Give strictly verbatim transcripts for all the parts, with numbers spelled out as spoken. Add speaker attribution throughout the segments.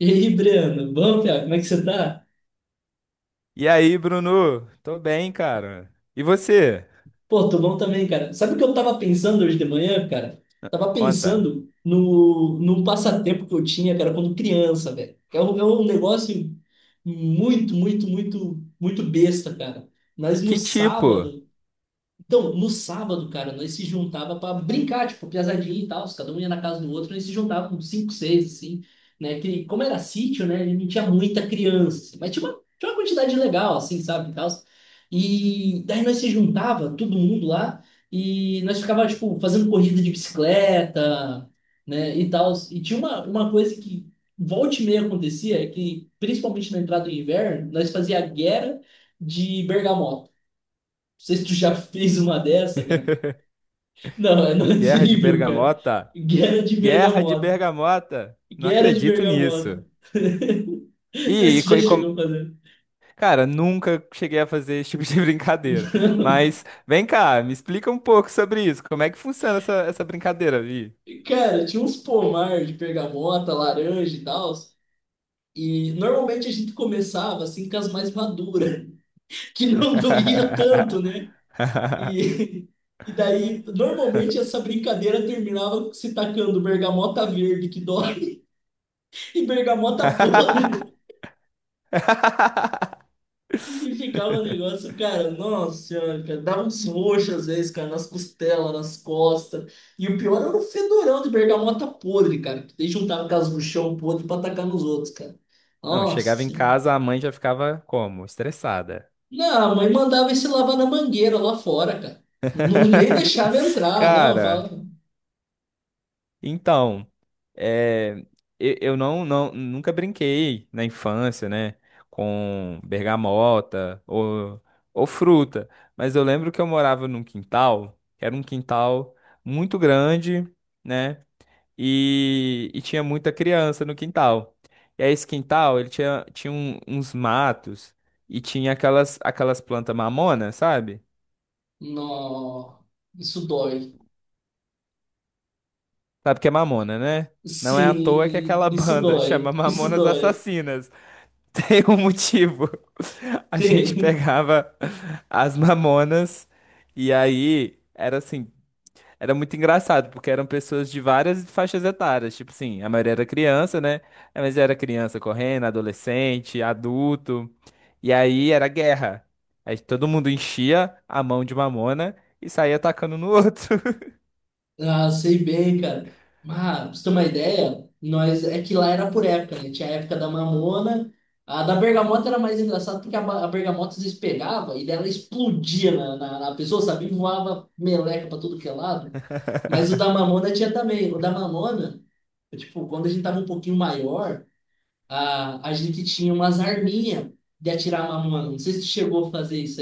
Speaker 1: E aí, Breno, bom, cara? Como é que você tá?
Speaker 2: E aí, Bruno? Tô bem, cara. E você?
Speaker 1: Pô, tô bom também, cara. Sabe o que eu tava pensando hoje de manhã, cara? Tava
Speaker 2: Conta.
Speaker 1: pensando no, no passatempo que eu tinha, cara, quando criança, velho. Que É um, é um negócio muito, muito, muito, muito besta, cara. Mas no
Speaker 2: Que tipo?
Speaker 1: sábado, Então, no sábado, cara, nós se juntava para brincar, tipo, piazadinha e tal, cada um ia na casa do outro, nós se juntava com cinco, seis, assim, né? Que, como era sítio, né? Não tinha muita criança, assim, mas tinha uma, tinha uma quantidade legal, assim, sabe, e tal. E daí nós se juntava, todo mundo lá, e nós ficava, tipo, fazendo corrida de bicicleta, né, e tal. E tinha uma, uma coisa que volta e meia acontecia, é que, principalmente na entrada do inverno, nós fazia guerra de bergamota. Não sei se tu já fez uma dessa, cara. Não, é não é
Speaker 2: Guerra de
Speaker 1: terrível, cara.
Speaker 2: Bergamota?
Speaker 1: Guerra de
Speaker 2: Guerra de
Speaker 1: bergamota.
Speaker 2: Bergamota? Não
Speaker 1: Guerra de
Speaker 2: acredito
Speaker 1: bergamota.
Speaker 2: nisso.
Speaker 1: Não sei
Speaker 2: E,
Speaker 1: se
Speaker 2: e,
Speaker 1: tu
Speaker 2: co-
Speaker 1: já
Speaker 2: e
Speaker 1: chegou
Speaker 2: como-
Speaker 1: a fazer.
Speaker 2: Cara, nunca cheguei a fazer esse tipo de brincadeira. Mas vem cá, me explica um pouco sobre isso. Como é que funciona essa, essa brincadeira, Vi?
Speaker 1: Cara, tinha uns pomar de bergamota, laranja e tal. E normalmente a gente começava assim com as mais maduras, que não doía tanto, né? E, e daí, normalmente essa brincadeira terminava se tacando bergamota verde que dói e bergamota podre. E ficava um negócio, cara, nossa senhora, cara, dava uns roxos às vezes, cara, nas costelas, nas costas. E o pior era o fedorão de bergamota podre, cara, que eles juntava com as no chão podre pra atacar nos outros, cara.
Speaker 2: Não,
Speaker 1: Nossa
Speaker 2: chegava em
Speaker 1: senhora.
Speaker 2: casa, a mãe já ficava como? Estressada.
Speaker 1: Não, a mãe mandava ele se lavar na mangueira lá fora, cara. Não nem deixava entrar, não,
Speaker 2: Cara.
Speaker 1: fala.
Speaker 2: Então, é, eu, eu não, não, nunca brinquei na infância, né, com bergamota ou, ou fruta, mas eu lembro que eu morava num quintal, que era um quintal muito grande, né, e, e tinha muita criança no quintal. E aí esse quintal, ele tinha, tinha um- uns matos e tinha aquelas, aquelas plantas mamona, sabe?
Speaker 1: Não, isso dói.
Speaker 2: Sabe o que é mamona, né? Não é à toa que
Speaker 1: Sim,
Speaker 2: aquela
Speaker 1: isso
Speaker 2: banda
Speaker 1: dói,
Speaker 2: chama
Speaker 1: isso
Speaker 2: Mamonas
Speaker 1: dói.
Speaker 2: Assassinas. Tem um motivo. A gente
Speaker 1: Tem.
Speaker 2: pegava as mamonas e aí era assim, era muito engraçado, porque eram pessoas de várias faixas etárias, tipo assim, a maioria era criança, né? É, mas era criança correndo, adolescente, adulto. E aí era guerra. Aí todo mundo enchia a mão de mamona e saía atacando no outro.
Speaker 1: Ah, sei bem, cara. Mas, pra você ter uma ideia, nós é que lá era por época, né? Tinha a época da mamona. A da bergamota era mais engraçada porque a, ba- a bergamota às vezes pegava e daí ela explodia na, na, na pessoa, sabe? E voava meleca pra tudo que é lado. Mas o da mamona tinha também. O da mamona, tipo, quando a gente tava um pouquinho maior, a, a gente tinha umas arminhas de atirar a mamona. Não sei se tu chegou a fazer isso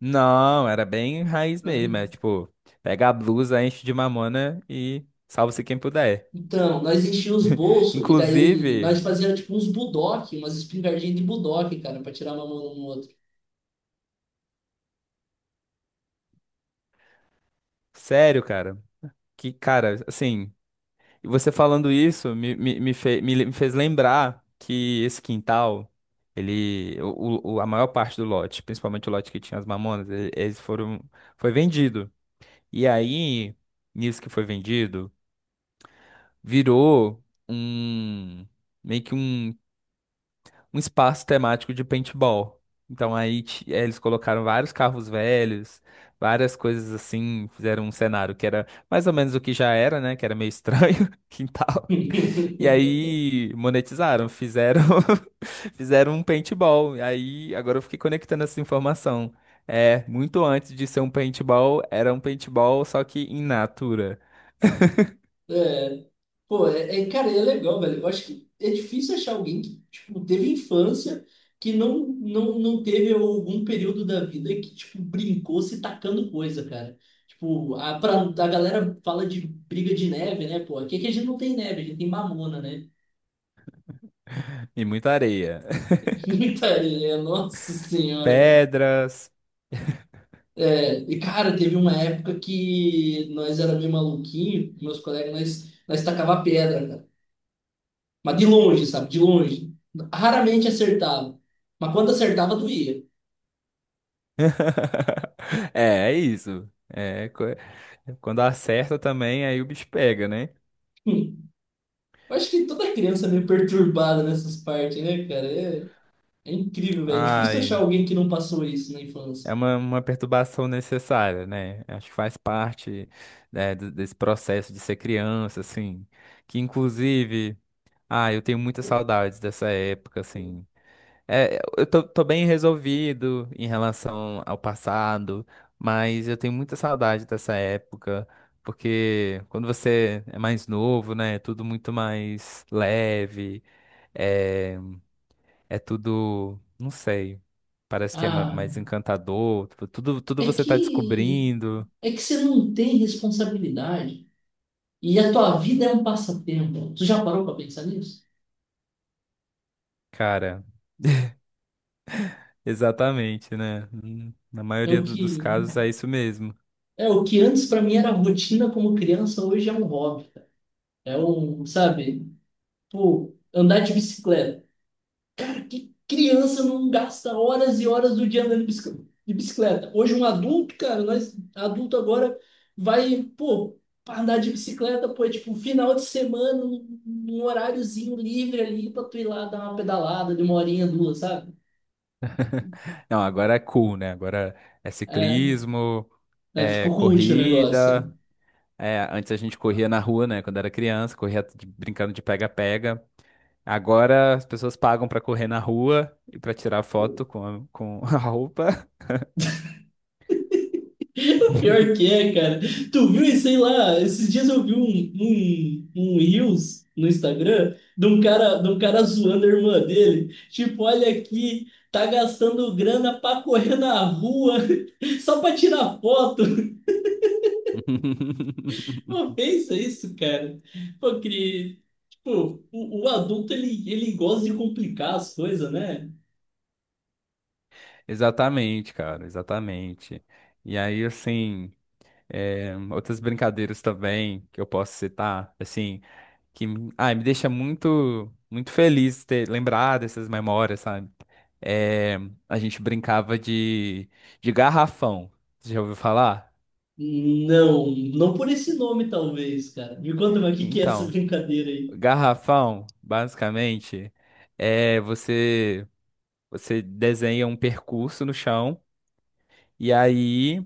Speaker 2: Não, era bem raiz mesmo,
Speaker 1: aí.
Speaker 2: é tipo, pega a blusa, enche de mamona e salva-se quem puder.
Speaker 1: Então, nós enchíamos os bolsos e daí
Speaker 2: Inclusive,
Speaker 1: nós fazíamos tipo uns budoque, umas espingardinhas de budoque, cara, pra tirar uma mão no outro.
Speaker 2: sério, cara, que, cara, assim, você falando isso me, me, me, fe- me le- me fez lembrar que esse quintal, ele, o, o- a maior parte do lote, principalmente o lote que tinha as mamonas, e- eles foram, foi vendido. E aí, nisso que foi vendido, virou um, meio que um um espaço temático de paintball. Então aí ti- eh, eles colocaram vários carros velhos, várias coisas assim, fizeram um cenário que era mais ou menos o que já era, né? Que era meio estranho, quintal. E aí monetizaram, fizeram fizeram um paintball. E aí agora eu fiquei conectando essa informação. É, muito antes de ser um paintball, era um paintball só que in natura
Speaker 1: É, pô, é, é, cara, é legal, velho. Eu acho que é difícil achar alguém que, tipo, teve infância que não, não, não teve algum período da vida que, tipo, brincou se tacando coisa, cara. Tipo, a, pra, a galera fala de briga de neve, né, pô? Aqui é que a gente não tem neve, a gente tem mamona, né?
Speaker 2: e muita areia.
Speaker 1: Muita nossa senhora,
Speaker 2: Pedras,
Speaker 1: é, e cara, teve uma época que nós era meio maluquinho, meus colegas, nós, nós tacava pedra, cara. Mas de longe, sabe? De longe. Raramente acertava. Mas quando acertava, doía.
Speaker 2: é, é isso. É, co- quando acerta também, aí o bicho pega, né?
Speaker 1: Hum. Eu acho que toda criança é meio perturbada nessas partes, né, cara? É, é incrível, velho. É difícil achar
Speaker 2: Ai,
Speaker 1: alguém que não passou isso na infância.
Speaker 2: é uma, uma perturbação necessária, né? Acho que faz parte, né, do- desse processo de ser criança, assim. Que inclusive, ah, eu tenho muitas saudades dessa época, assim. É, eu tô, tô bem resolvido em relação ao passado, mas eu tenho muita saudade dessa época, porque quando você é mais novo, né, é tudo muito mais leve, é, é tudo, não sei, parece que é ma-
Speaker 1: Ah,
Speaker 2: mais encantador, tipo, tudo, tudo
Speaker 1: é
Speaker 2: você tá
Speaker 1: que
Speaker 2: descobrindo,
Speaker 1: é que você não tem responsabilidade e a tua vida é um passatempo. Tu já parou para pensar nisso?
Speaker 2: cara, exatamente, né? Hum, na
Speaker 1: É
Speaker 2: maioria
Speaker 1: o
Speaker 2: do-
Speaker 1: que
Speaker 2: dos casos é isso mesmo.
Speaker 1: é o que antes para mim era rotina como criança, hoje é um hobby. É um, sabe, pô, andar de bicicleta. Pra que criança não gasta horas e horas do dia andando de bicicl- de bicicleta? Hoje um adulto, cara, nós adulto agora vai, pô, pra andar de bicicleta, pô, é tipo final de semana, um, um horáriozinho livre ali pra tu ir lá dar uma pedalada de uma horinha, duas, sabe?
Speaker 2: Não, agora é cool, né? Agora é
Speaker 1: É,
Speaker 2: ciclismo,
Speaker 1: é,
Speaker 2: é
Speaker 1: ficou cult o negócio.
Speaker 2: corrida. É, antes a gente corria na rua, né? Quando era criança, corria de- brincando de pega-pega. Agora as pessoas pagam pra correr na rua e pra tirar foto com a, com a roupa.
Speaker 1: Pior que é, cara. Tu viu, e sei lá, esses dias eu vi um, um, um Reels no Instagram de um cara, de um cara zoando a irmã dele. Tipo, olha aqui, tá gastando grana pra correr na rua só pra tirar foto. Pô, pensa isso, cara. Pô, que, tipo, o, o adulto, ele, ele gosta de complicar as coisas, né?
Speaker 2: Exatamente, cara, exatamente. E aí, assim, é, outras brincadeiras também que eu posso citar, assim, que me- ai, me deixa muito muito feliz ter lembrado essas memórias, sabe? É, a gente brincava de, de garrafão. Você já ouviu falar?
Speaker 1: Não, não por esse nome, talvez, cara. Me conta, mas o que que é essa
Speaker 2: Então,
Speaker 1: brincadeira aí?
Speaker 2: garrafão, basicamente, é você você desenha um percurso no chão e aí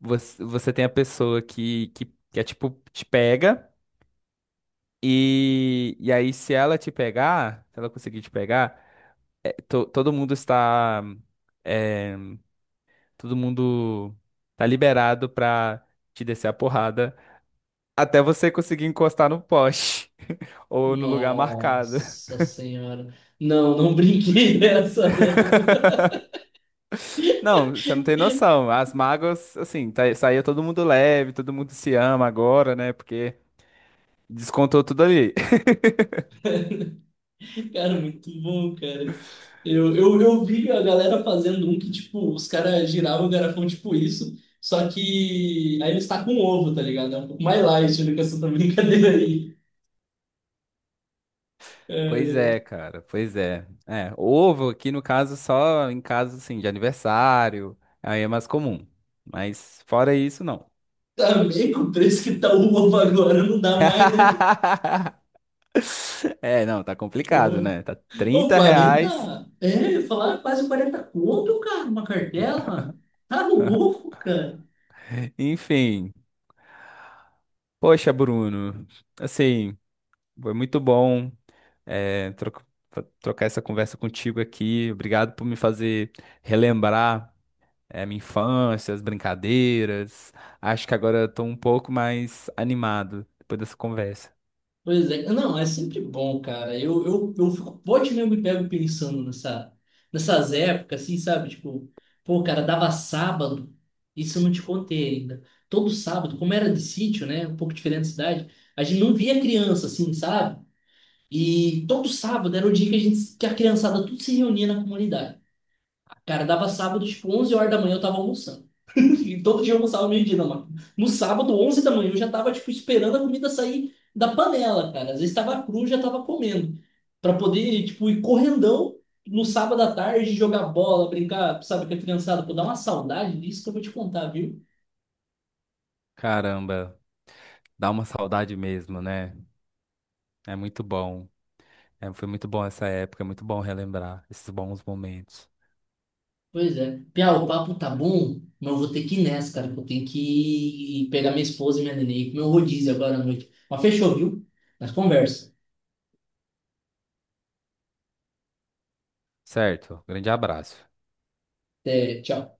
Speaker 2: você, você tem a pessoa que, que, que é tipo te pega e, e aí se ela te pegar, se ela conseguir te pegar, é, to- todo mundo está é, todo mundo tá liberado pra te descer a porrada até você conseguir encostar no poste ou no lugar marcado.
Speaker 1: Nossa senhora. Não, não brinquei dessa, não.
Speaker 2: Não, você não tem noção. As mágoas, assim, tá, saía todo mundo leve, todo mundo se ama agora, né? Porque descontou tudo ali.
Speaker 1: Cara, muito bom, cara. Eu, eu, eu vi a galera fazendo um que, tipo, os caras giravam o garrafão tipo isso, só que aí eles tacam um ovo, tá ligado? É um pouco mais light do que essa brincadeira aí.
Speaker 2: Pois é,
Speaker 1: É,
Speaker 2: cara, pois é. É, ovo aqui no caso só em caso assim de aniversário, aí é mais comum. Mas fora isso, não.
Speaker 1: também com o preço que tá o ovo agora, não dá mais, né?
Speaker 2: É, não, tá complicado,
Speaker 1: Pô,
Speaker 2: né? Tá
Speaker 1: Ô,
Speaker 2: trinta
Speaker 1: quarenta
Speaker 2: reais.
Speaker 1: é, eu ia falar quase quarenta conto, cara, uma cartela. Tá louco, cara.
Speaker 2: Enfim. Poxa, Bruno. Assim, foi muito bom é, troca- trocar essa conversa contigo aqui. Obrigado por me fazer relembrar é, minha infância, as brincadeiras. Acho que agora eu tô um pouco mais animado depois dessa conversa.
Speaker 1: Pois é, não, é sempre bom, cara. Eu, eu, eu fico, pode mesmo me pego pensando nessa, nessas épocas, assim, sabe? Tipo, pô, cara, dava sábado, isso eu não te contei ainda. Todo sábado, como era de sítio, né? Um pouco diferente da cidade, a gente não via criança, assim, sabe? E todo sábado era o dia que a gente, que a criançada tudo se reunia na comunidade. Cara, dava sábado, tipo, onze horas da manhã eu tava almoçando. E todo dia eu almoçava meio-dia, não, mano. No sábado, onze da manhã, eu já tava, tipo, esperando a comida sair da panela, cara. Às vezes tava cru, já tava comendo. Pra poder, tipo, ir correndão no sábado à tarde, jogar bola, brincar, sabe, com a criançada. Pô, dá uma saudade disso que eu vou te contar, viu?
Speaker 2: Caramba, dá uma saudade mesmo, né? É muito bom. É, foi muito bom essa época, é muito bom relembrar esses bons momentos.
Speaker 1: Pois é. Pia, o papo tá bom, mas eu vou ter que ir nessa, cara, que eu tenho que pegar minha esposa e minha neném, e comer um rodízio agora à noite. Mas fechou, viu? Mas conversa.
Speaker 2: Certo, grande abraço.
Speaker 1: Até, tchau.